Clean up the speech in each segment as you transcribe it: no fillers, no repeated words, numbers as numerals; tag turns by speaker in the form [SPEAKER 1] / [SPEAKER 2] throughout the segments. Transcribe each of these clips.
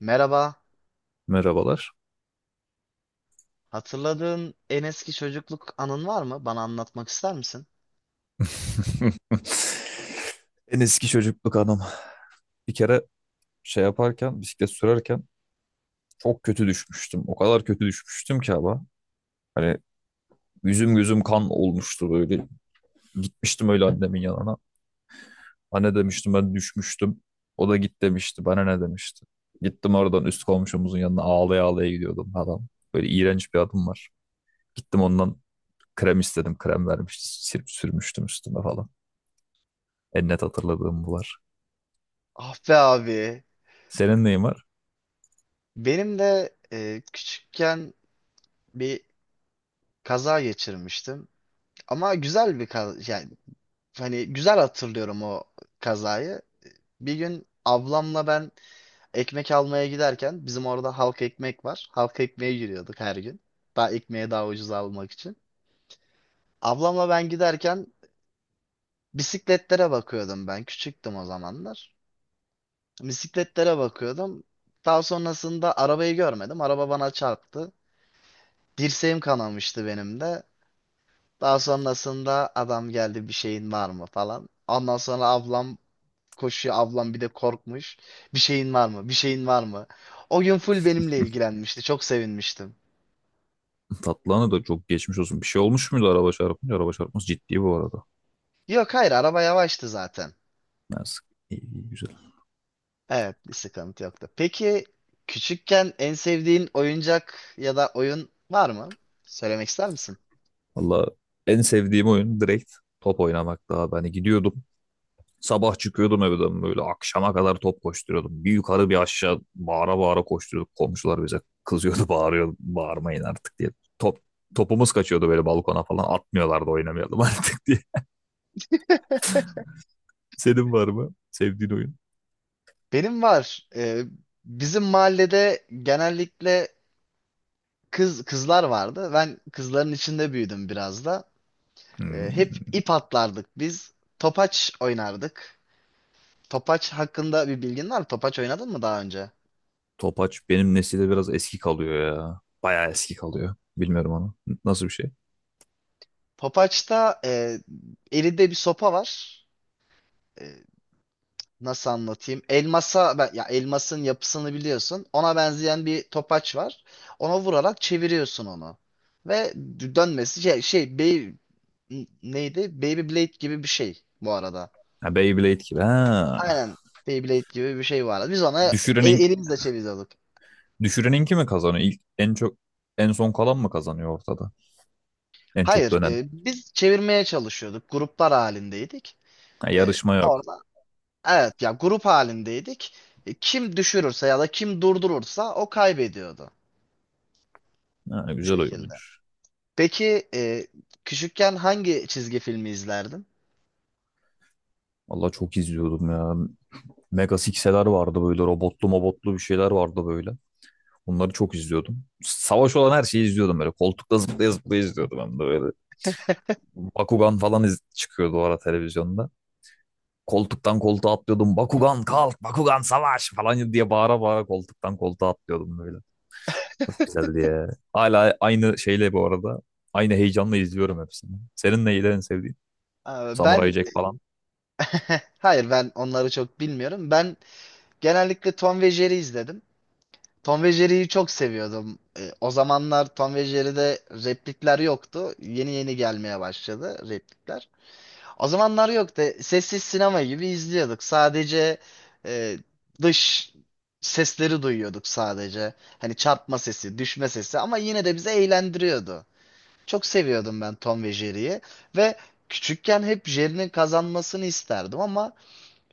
[SPEAKER 1] Merhaba.
[SPEAKER 2] Merhabalar.
[SPEAKER 1] Hatırladığın en eski çocukluk anın var mı? Bana anlatmak ister misin?
[SPEAKER 2] En eski çocukluk anım. Bir kere şey yaparken, bisiklet sürerken çok kötü düşmüştüm. O kadar kötü düşmüştüm ki ama. Hani yüzüm gözüm kan olmuştu böyle. Gitmiştim öyle annemin yanına. Anne demiştim, ben düşmüştüm. O da git demişti. Bana ne demişti. Gittim oradan üst komşumuzun yanına, ağlaya ağlaya gidiyordum adam. Böyle iğrenç bir adım var. Gittim ondan krem istedim. Krem vermişti. Sirp sürmüştüm üstüme falan. En net hatırladığım bu var.
[SPEAKER 1] Ah be abi.
[SPEAKER 2] Senin neyin var?
[SPEAKER 1] Benim de küçükken bir kaza geçirmiştim. Ama güzel bir kaza. Yani hani güzel hatırlıyorum o kazayı. Bir gün ablamla ben ekmek almaya giderken bizim orada halk ekmek var. Halk ekmeğe giriyorduk her gün. Daha ekmeği daha ucuz almak için. Ablamla ben giderken bisikletlere bakıyordum ben. Küçüktüm o zamanlar. Bisikletlere bakıyordum. Daha sonrasında arabayı görmedim. Araba bana çarptı. Dirseğim kanamıştı benim de. Daha sonrasında adam geldi bir şeyin var mı falan. Ondan sonra ablam koşuyor. Ablam bir de korkmuş. Bir şeyin var mı? Bir şeyin var mı? O gün full benimle ilgilenmişti. Çok sevinmiştim.
[SPEAKER 2] Tatlıhan'a da çok geçmiş olsun. Bir şey olmuş muydu araba çarpınca? Araba çarpması ciddi bu arada.
[SPEAKER 1] Yok hayır, araba yavaştı zaten.
[SPEAKER 2] Neyse. İyi, iyi, güzel.
[SPEAKER 1] Evet, bir sıkıntı yoktu. Peki, küçükken en sevdiğin oyuncak ya da oyun var mı? Söylemek ister misin?
[SPEAKER 2] Valla en sevdiğim oyun direkt top oynamak daha. Hani gidiyordum. Sabah çıkıyordum evden böyle akşama kadar top koşturuyordum. Bir yukarı bir aşağı bağıra bağıra koşturuyorduk. Komşular bize kızıyordu, bağırıyordu. Bağırmayın artık diye. Top, Topumuz kaçıyordu böyle balkona falan. Atmıyorlardı, oynamayalım artık diye. Senin var mı sevdiğin oyun?
[SPEAKER 1] Benim var. Bizim mahallede genellikle kızlar vardı. Ben kızların içinde büyüdüm biraz da. Hep
[SPEAKER 2] Hmm.
[SPEAKER 1] ip atlardık biz. Topaç oynardık. Topaç hakkında bir bilgin var mı? Topaç oynadın mı daha önce?
[SPEAKER 2] Topaç benim nesilde biraz eski kalıyor ya. Bayağı eski kalıyor. Bilmiyorum onu. Nasıl bir şey?
[SPEAKER 1] Topaçta elinde bir sopa var. E, nasıl anlatayım? Elmasa, ya elmasın yapısını biliyorsun. Ona benzeyen bir topaç var. Ona vurarak çeviriyorsun onu. Ve dönmesi neydi? Beyblade gibi bir şey bu arada.
[SPEAKER 2] Ha, Beyblade gibi. Ha.
[SPEAKER 1] Aynen Beyblade gibi bir şey vardı. Biz ona
[SPEAKER 2] Düşürenin
[SPEAKER 1] elimizle çeviriyorduk.
[SPEAKER 2] düşüreninki mi kazanıyor? İlk en çok en son kalan mı kazanıyor ortada? En çok
[SPEAKER 1] Hayır,
[SPEAKER 2] dönen.
[SPEAKER 1] biz çevirmeye çalışıyorduk. Gruplar halindeydik.
[SPEAKER 2] Ha, yarışma yok.
[SPEAKER 1] Orada evet ya, grup halindeydik. Kim düşürürse ya da kim durdurursa o kaybediyordu
[SPEAKER 2] Ha,
[SPEAKER 1] bu
[SPEAKER 2] güzel
[SPEAKER 1] şekilde.
[SPEAKER 2] oyunmuş.
[SPEAKER 1] Peki, küçükken hangi çizgi filmi izlerdin?
[SPEAKER 2] Allah çok izliyordum ya. Mega Six'eler vardı böyle, robotlu mobotlu bir şeyler vardı böyle. Bunları çok izliyordum. Savaş olan her şeyi izliyordum böyle. Koltukta zıplaya zıplaya izliyordum hem de böyle. Bakugan falan çıkıyordu o ara televizyonda. Koltuktan koltuğa atlıyordum. Bakugan kalk, Bakugan savaş falan diye bağıra bağıra koltuktan koltuğa atlıyordum böyle. Çok güzeldi ya. Hala aynı şeyle bu arada. Aynı heyecanla izliyorum hepsini. Senin neydi en sevdiğin? Samurai
[SPEAKER 1] Ben
[SPEAKER 2] Jack falan.
[SPEAKER 1] hayır, ben onları çok bilmiyorum. Ben genellikle Tom ve Jerry izledim. Tom ve Jerry'yi çok seviyordum. E, o zamanlar Tom ve Jerry'de replikler yoktu. Yeni yeni gelmeye başladı replikler. O zamanlar yoktu. Sessiz sinema gibi izliyorduk. Sadece e, dış sesleri duyuyorduk sadece. Hani çarpma sesi, düşme sesi, ama yine de bizi eğlendiriyordu. Çok seviyordum ben Tom ve Jerry'yi ve küçükken hep Jerry'nin kazanmasını isterdim ama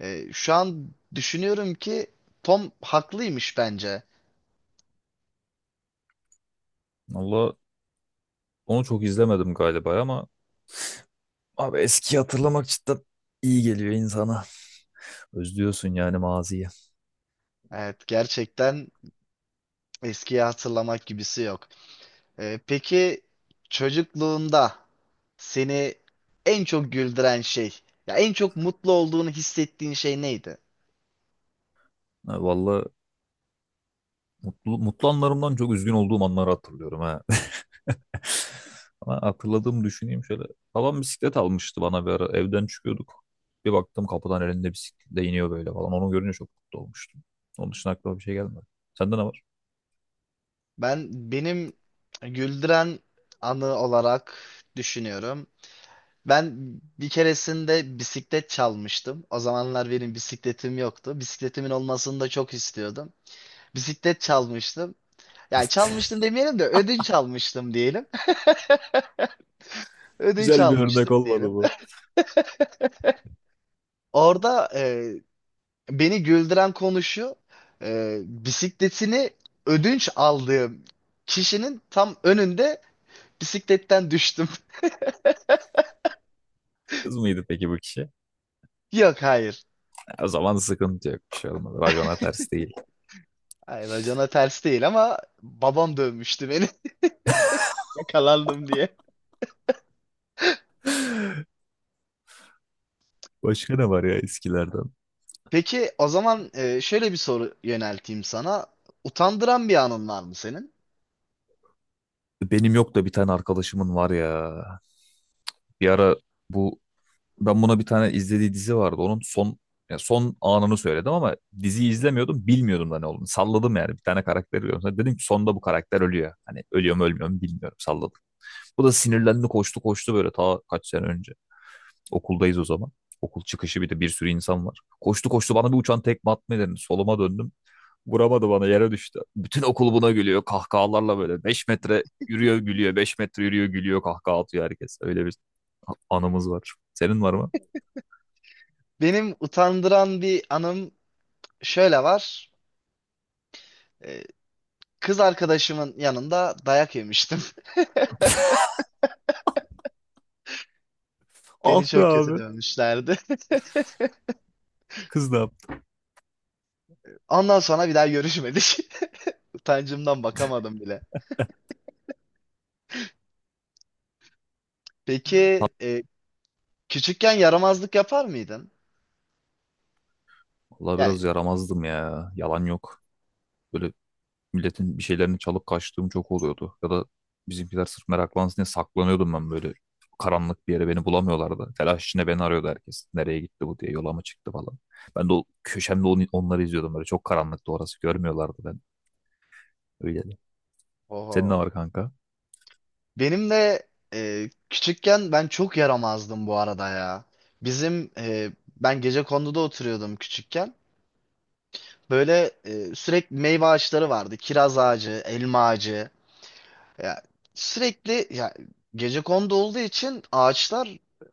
[SPEAKER 1] şu an düşünüyorum ki Tom haklıymış bence.
[SPEAKER 2] Valla onu çok izlemedim galiba ama abi eskiyi hatırlamak cidden iyi geliyor insana. Özlüyorsun yani maziyi.
[SPEAKER 1] Evet, gerçekten eskiyi hatırlamak gibisi yok. Peki, çocukluğunda seni en çok güldüren şey, ya en çok mutlu olduğunu hissettiğin şey neydi?
[SPEAKER 2] Ha, vallahi mutlu anlarımdan çok üzgün olduğum anları hatırlıyorum ha. Ama hatırladığımı düşüneyim şöyle. Babam bisiklet almıştı bana bir ara. Evden çıkıyorduk. Bir baktım kapıdan elinde bisikletle iniyor böyle falan. Onu görünce çok mutlu olmuştum. Onun dışında aklıma bir şey gelmedi. Sende ne var?
[SPEAKER 1] Benim güldüren anı olarak düşünüyorum. Ben bir keresinde bisiklet çalmıştım. O zamanlar benim bisikletim yoktu. Bisikletimin olmasını da çok istiyordum. Bisiklet çalmıştım. Yani çalmıştım demeyelim de ödünç almıştım diyelim. Ödünç
[SPEAKER 2] Güzel bir örnek
[SPEAKER 1] almıştık
[SPEAKER 2] olmadı
[SPEAKER 1] diyelim.
[SPEAKER 2] bu.
[SPEAKER 1] Orada beni güldüren konu şu, bisikletini ödünç aldığım kişinin tam önünde bisikletten düştüm.
[SPEAKER 2] Kız mıydı peki bu kişi?
[SPEAKER 1] Yok, hayır.
[SPEAKER 2] O zaman sıkıntı yok. Bir şey olmadı. Racona ters değil.
[SPEAKER 1] Hayır, racona ters değil ama babam dövmüştü beni yakalandım diye.
[SPEAKER 2] Başka ne var ya eskilerden?
[SPEAKER 1] Peki, o zaman şöyle bir soru yönelteyim sana. Utandıran bir anın var mı senin?
[SPEAKER 2] Benim yok da bir tane arkadaşımın var ya. Bir ara bu, ben buna bir tane izlediği dizi vardı. Onun son, ya son anını söyledim ama diziyi izlemiyordum. Bilmiyordum da ne olduğunu. Salladım yani. Bir tane karakter görüyorum. Sonra dedim ki sonda bu karakter ölüyor. Hani ölüyor mu ölmüyor mu bilmiyorum. Salladım. Bu da sinirlendi, koştu koştu böyle, ta kaç sene önce. Okuldayız o zaman. Okul çıkışı bir de bir sürü insan var. Koştu koştu, bana bir uçan tekme atmayı denedi. Soluma döndüm. Vuramadı bana, yere düştü. Bütün okul buna gülüyor kahkahalarla böyle. 5 metre yürüyor gülüyor, 5 metre yürüyor gülüyor, kahkaha atıyor herkes. Öyle bir anımız var. Senin var mı?
[SPEAKER 1] Benim utandıran bir anım şöyle var. E, kız arkadaşımın yanında dayak yemiştim.
[SPEAKER 2] Ah
[SPEAKER 1] Beni
[SPEAKER 2] be
[SPEAKER 1] çok kötü
[SPEAKER 2] abi.
[SPEAKER 1] dövmüşlerdi.
[SPEAKER 2] Kız ne yaptı?
[SPEAKER 1] Ondan sonra bir daha görüşmedik. Utancımdan bakamadım bile. Peki, e, küçükken yaramazlık yapar mıydın?
[SPEAKER 2] Valla biraz
[SPEAKER 1] Yani
[SPEAKER 2] yaramazdım ya. Yalan yok. Böyle milletin bir şeylerini çalıp kaçtığım çok oluyordu. Ya da bizimkiler sırf meraklansın diye saklanıyordum ben böyle. Karanlık bir yere, beni bulamıyorlardı. Telaş içinde beni arıyordu herkes. Nereye gitti bu diye, yola mı çıktı falan. Ben de o köşemde onları izliyordum böyle. Çok karanlıktı orası. Görmüyorlardı ben. Öyle de. Senin ne
[SPEAKER 1] oho.
[SPEAKER 2] var kanka?
[SPEAKER 1] Benim de küçükken ben çok yaramazdım bu arada ya. Bizim ben Gecekondu'da oturuyordum küçükken. Böyle sürekli meyve ağaçları vardı. Kiraz ağacı, elma ağacı. Ya sürekli ya gecekondu olduğu için ağaçlar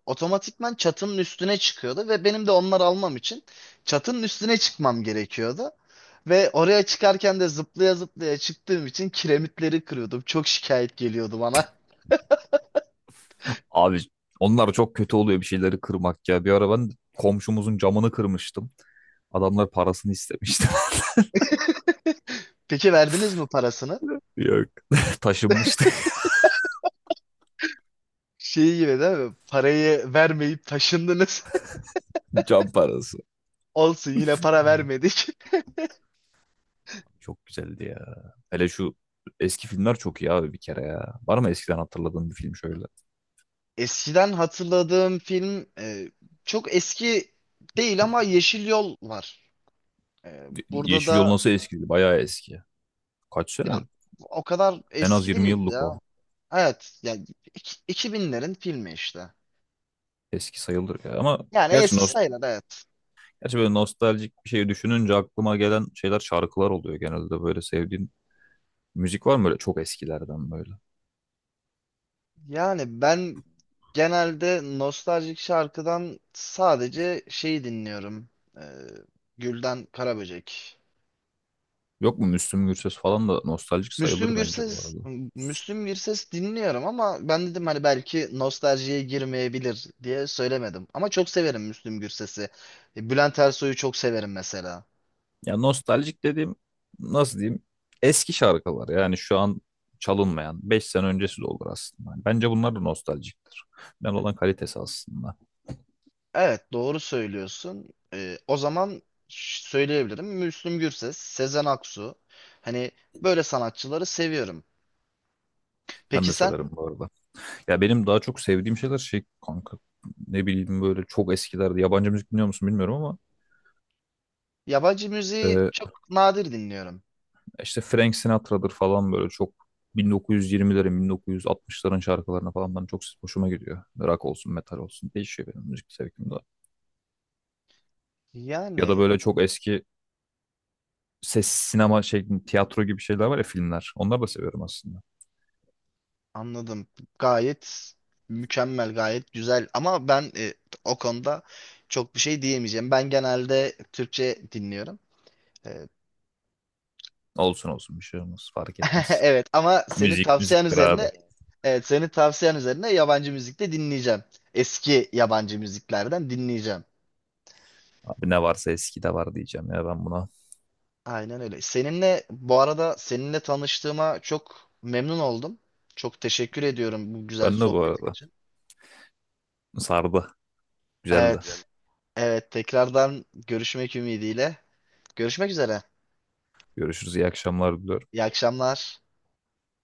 [SPEAKER 1] otomatikman çatının üstüne çıkıyordu ve benim de onları almam için çatının üstüne çıkmam gerekiyordu. Ve oraya çıkarken de zıplaya zıplaya çıktığım için kiremitleri kırıyordum. Çok şikayet geliyordu bana.
[SPEAKER 2] Abi onlar çok kötü oluyor, bir şeyleri kırmak ya. Bir ara ben komşumuzun camını kırmıştım. Adamlar parasını istemişti.
[SPEAKER 1] Peki, verdiniz mi parasını?
[SPEAKER 2] Yok. Taşınmıştı.
[SPEAKER 1] Şey gibi değil mi? Parayı vermeyip taşındınız.
[SPEAKER 2] Can parası.
[SPEAKER 1] Olsun, yine para vermedik.
[SPEAKER 2] Çok güzeldi ya. Hele şu eski filmler çok iyi abi bir kere ya. Var mı eskiden hatırladığın bir film şöyle?
[SPEAKER 1] Eskiden hatırladığım film çok eski değil ama Yeşil Yol var. Ee, burada
[SPEAKER 2] Yeşil
[SPEAKER 1] da
[SPEAKER 2] Yol nasıl eskidi? Bayağı eski. Kaç
[SPEAKER 1] ya
[SPEAKER 2] sene?
[SPEAKER 1] o kadar
[SPEAKER 2] En az
[SPEAKER 1] eski
[SPEAKER 2] 20
[SPEAKER 1] değil
[SPEAKER 2] yıllık o.
[SPEAKER 1] ya. Evet yani 2000'lerin filmi işte.
[SPEAKER 2] Eski sayılır ya. Ama
[SPEAKER 1] Yani
[SPEAKER 2] gerçi,
[SPEAKER 1] eski
[SPEAKER 2] nost
[SPEAKER 1] sayılır, evet.
[SPEAKER 2] gerçi böyle nostaljik bir şey düşününce aklıma gelen şeyler şarkılar oluyor genelde. Böyle sevdiğin müzik var mı böyle çok eskilerden böyle?
[SPEAKER 1] Yani ben genelde nostaljik şarkıdan sadece şeyi dinliyorum. Ee, Gülden Karaböcek.
[SPEAKER 2] Yok mu Müslüm Gürses falan da nostaljik
[SPEAKER 1] Müslüm
[SPEAKER 2] sayılır bence bu
[SPEAKER 1] Gürses
[SPEAKER 2] arada.
[SPEAKER 1] Müslüm Gürses dinliyorum ama ben dedim hani belki nostaljiye girmeyebilir diye söylemedim. Ama çok severim Müslüm Gürses'i. Bülent Ersoy'u çok severim mesela.
[SPEAKER 2] Ya nostaljik dediğim nasıl diyeyim? Eski şarkılar yani şu an çalınmayan, 5 sene öncesi de olur aslında. Yani bence bunlar da nostaljiktir. Ben olan kalitesi aslında.
[SPEAKER 1] Evet, doğru söylüyorsun. O zaman söyleyebilirim. Müslüm Gürses, Sezen Aksu. Hani böyle sanatçıları seviyorum.
[SPEAKER 2] Ben
[SPEAKER 1] Peki
[SPEAKER 2] de
[SPEAKER 1] sen?
[SPEAKER 2] severim bu arada. Ya benim daha çok sevdiğim şeyler şey kanka, ne bileyim böyle çok eskilerde, yabancı müzik dinliyor musun bilmiyorum ama
[SPEAKER 1] Yabancı müziği
[SPEAKER 2] e,
[SPEAKER 1] çok nadir dinliyorum.
[SPEAKER 2] işte Frank Sinatra'dır falan böyle, çok 1920'lerin 1960'ların şarkılarına falan ben çok hoşuma gidiyor. Rock olsun metal olsun değişiyor benim müzik zevkim de. Ya da
[SPEAKER 1] Yani
[SPEAKER 2] böyle çok eski ses sinema şey tiyatro gibi şeyler var ya, filmler. Onları da seviyorum aslında.
[SPEAKER 1] anladım. Gayet mükemmel, gayet güzel. Ama ben o konuda çok bir şey diyemeyeceğim. Ben genelde Türkçe dinliyorum. Ee,
[SPEAKER 2] Olsun olsun, bir şey olmaz, fark etmez.
[SPEAKER 1] Evet, ama senin
[SPEAKER 2] Müzik
[SPEAKER 1] tavsiyen
[SPEAKER 2] müziktir abi.
[SPEAKER 1] üzerine evet senin tavsiyen üzerine yabancı müzik de dinleyeceğim. Eski yabancı müziklerden dinleyeceğim.
[SPEAKER 2] Abi ne varsa eski de var diyeceğim ya ben buna.
[SPEAKER 1] Aynen öyle. Seninle bu arada tanıştığıma çok memnun oldum. Çok teşekkür ediyorum bu güzel
[SPEAKER 2] Ben de bu
[SPEAKER 1] sohbetin
[SPEAKER 2] arada
[SPEAKER 1] için.
[SPEAKER 2] sardı.
[SPEAKER 1] Yani
[SPEAKER 2] Güzeldi.
[SPEAKER 1] evet. Evet, tekrardan görüşmek ümidiyle. Görüşmek üzere.
[SPEAKER 2] Görüşürüz. İyi akşamlar diliyorum.
[SPEAKER 1] İyi akşamlar.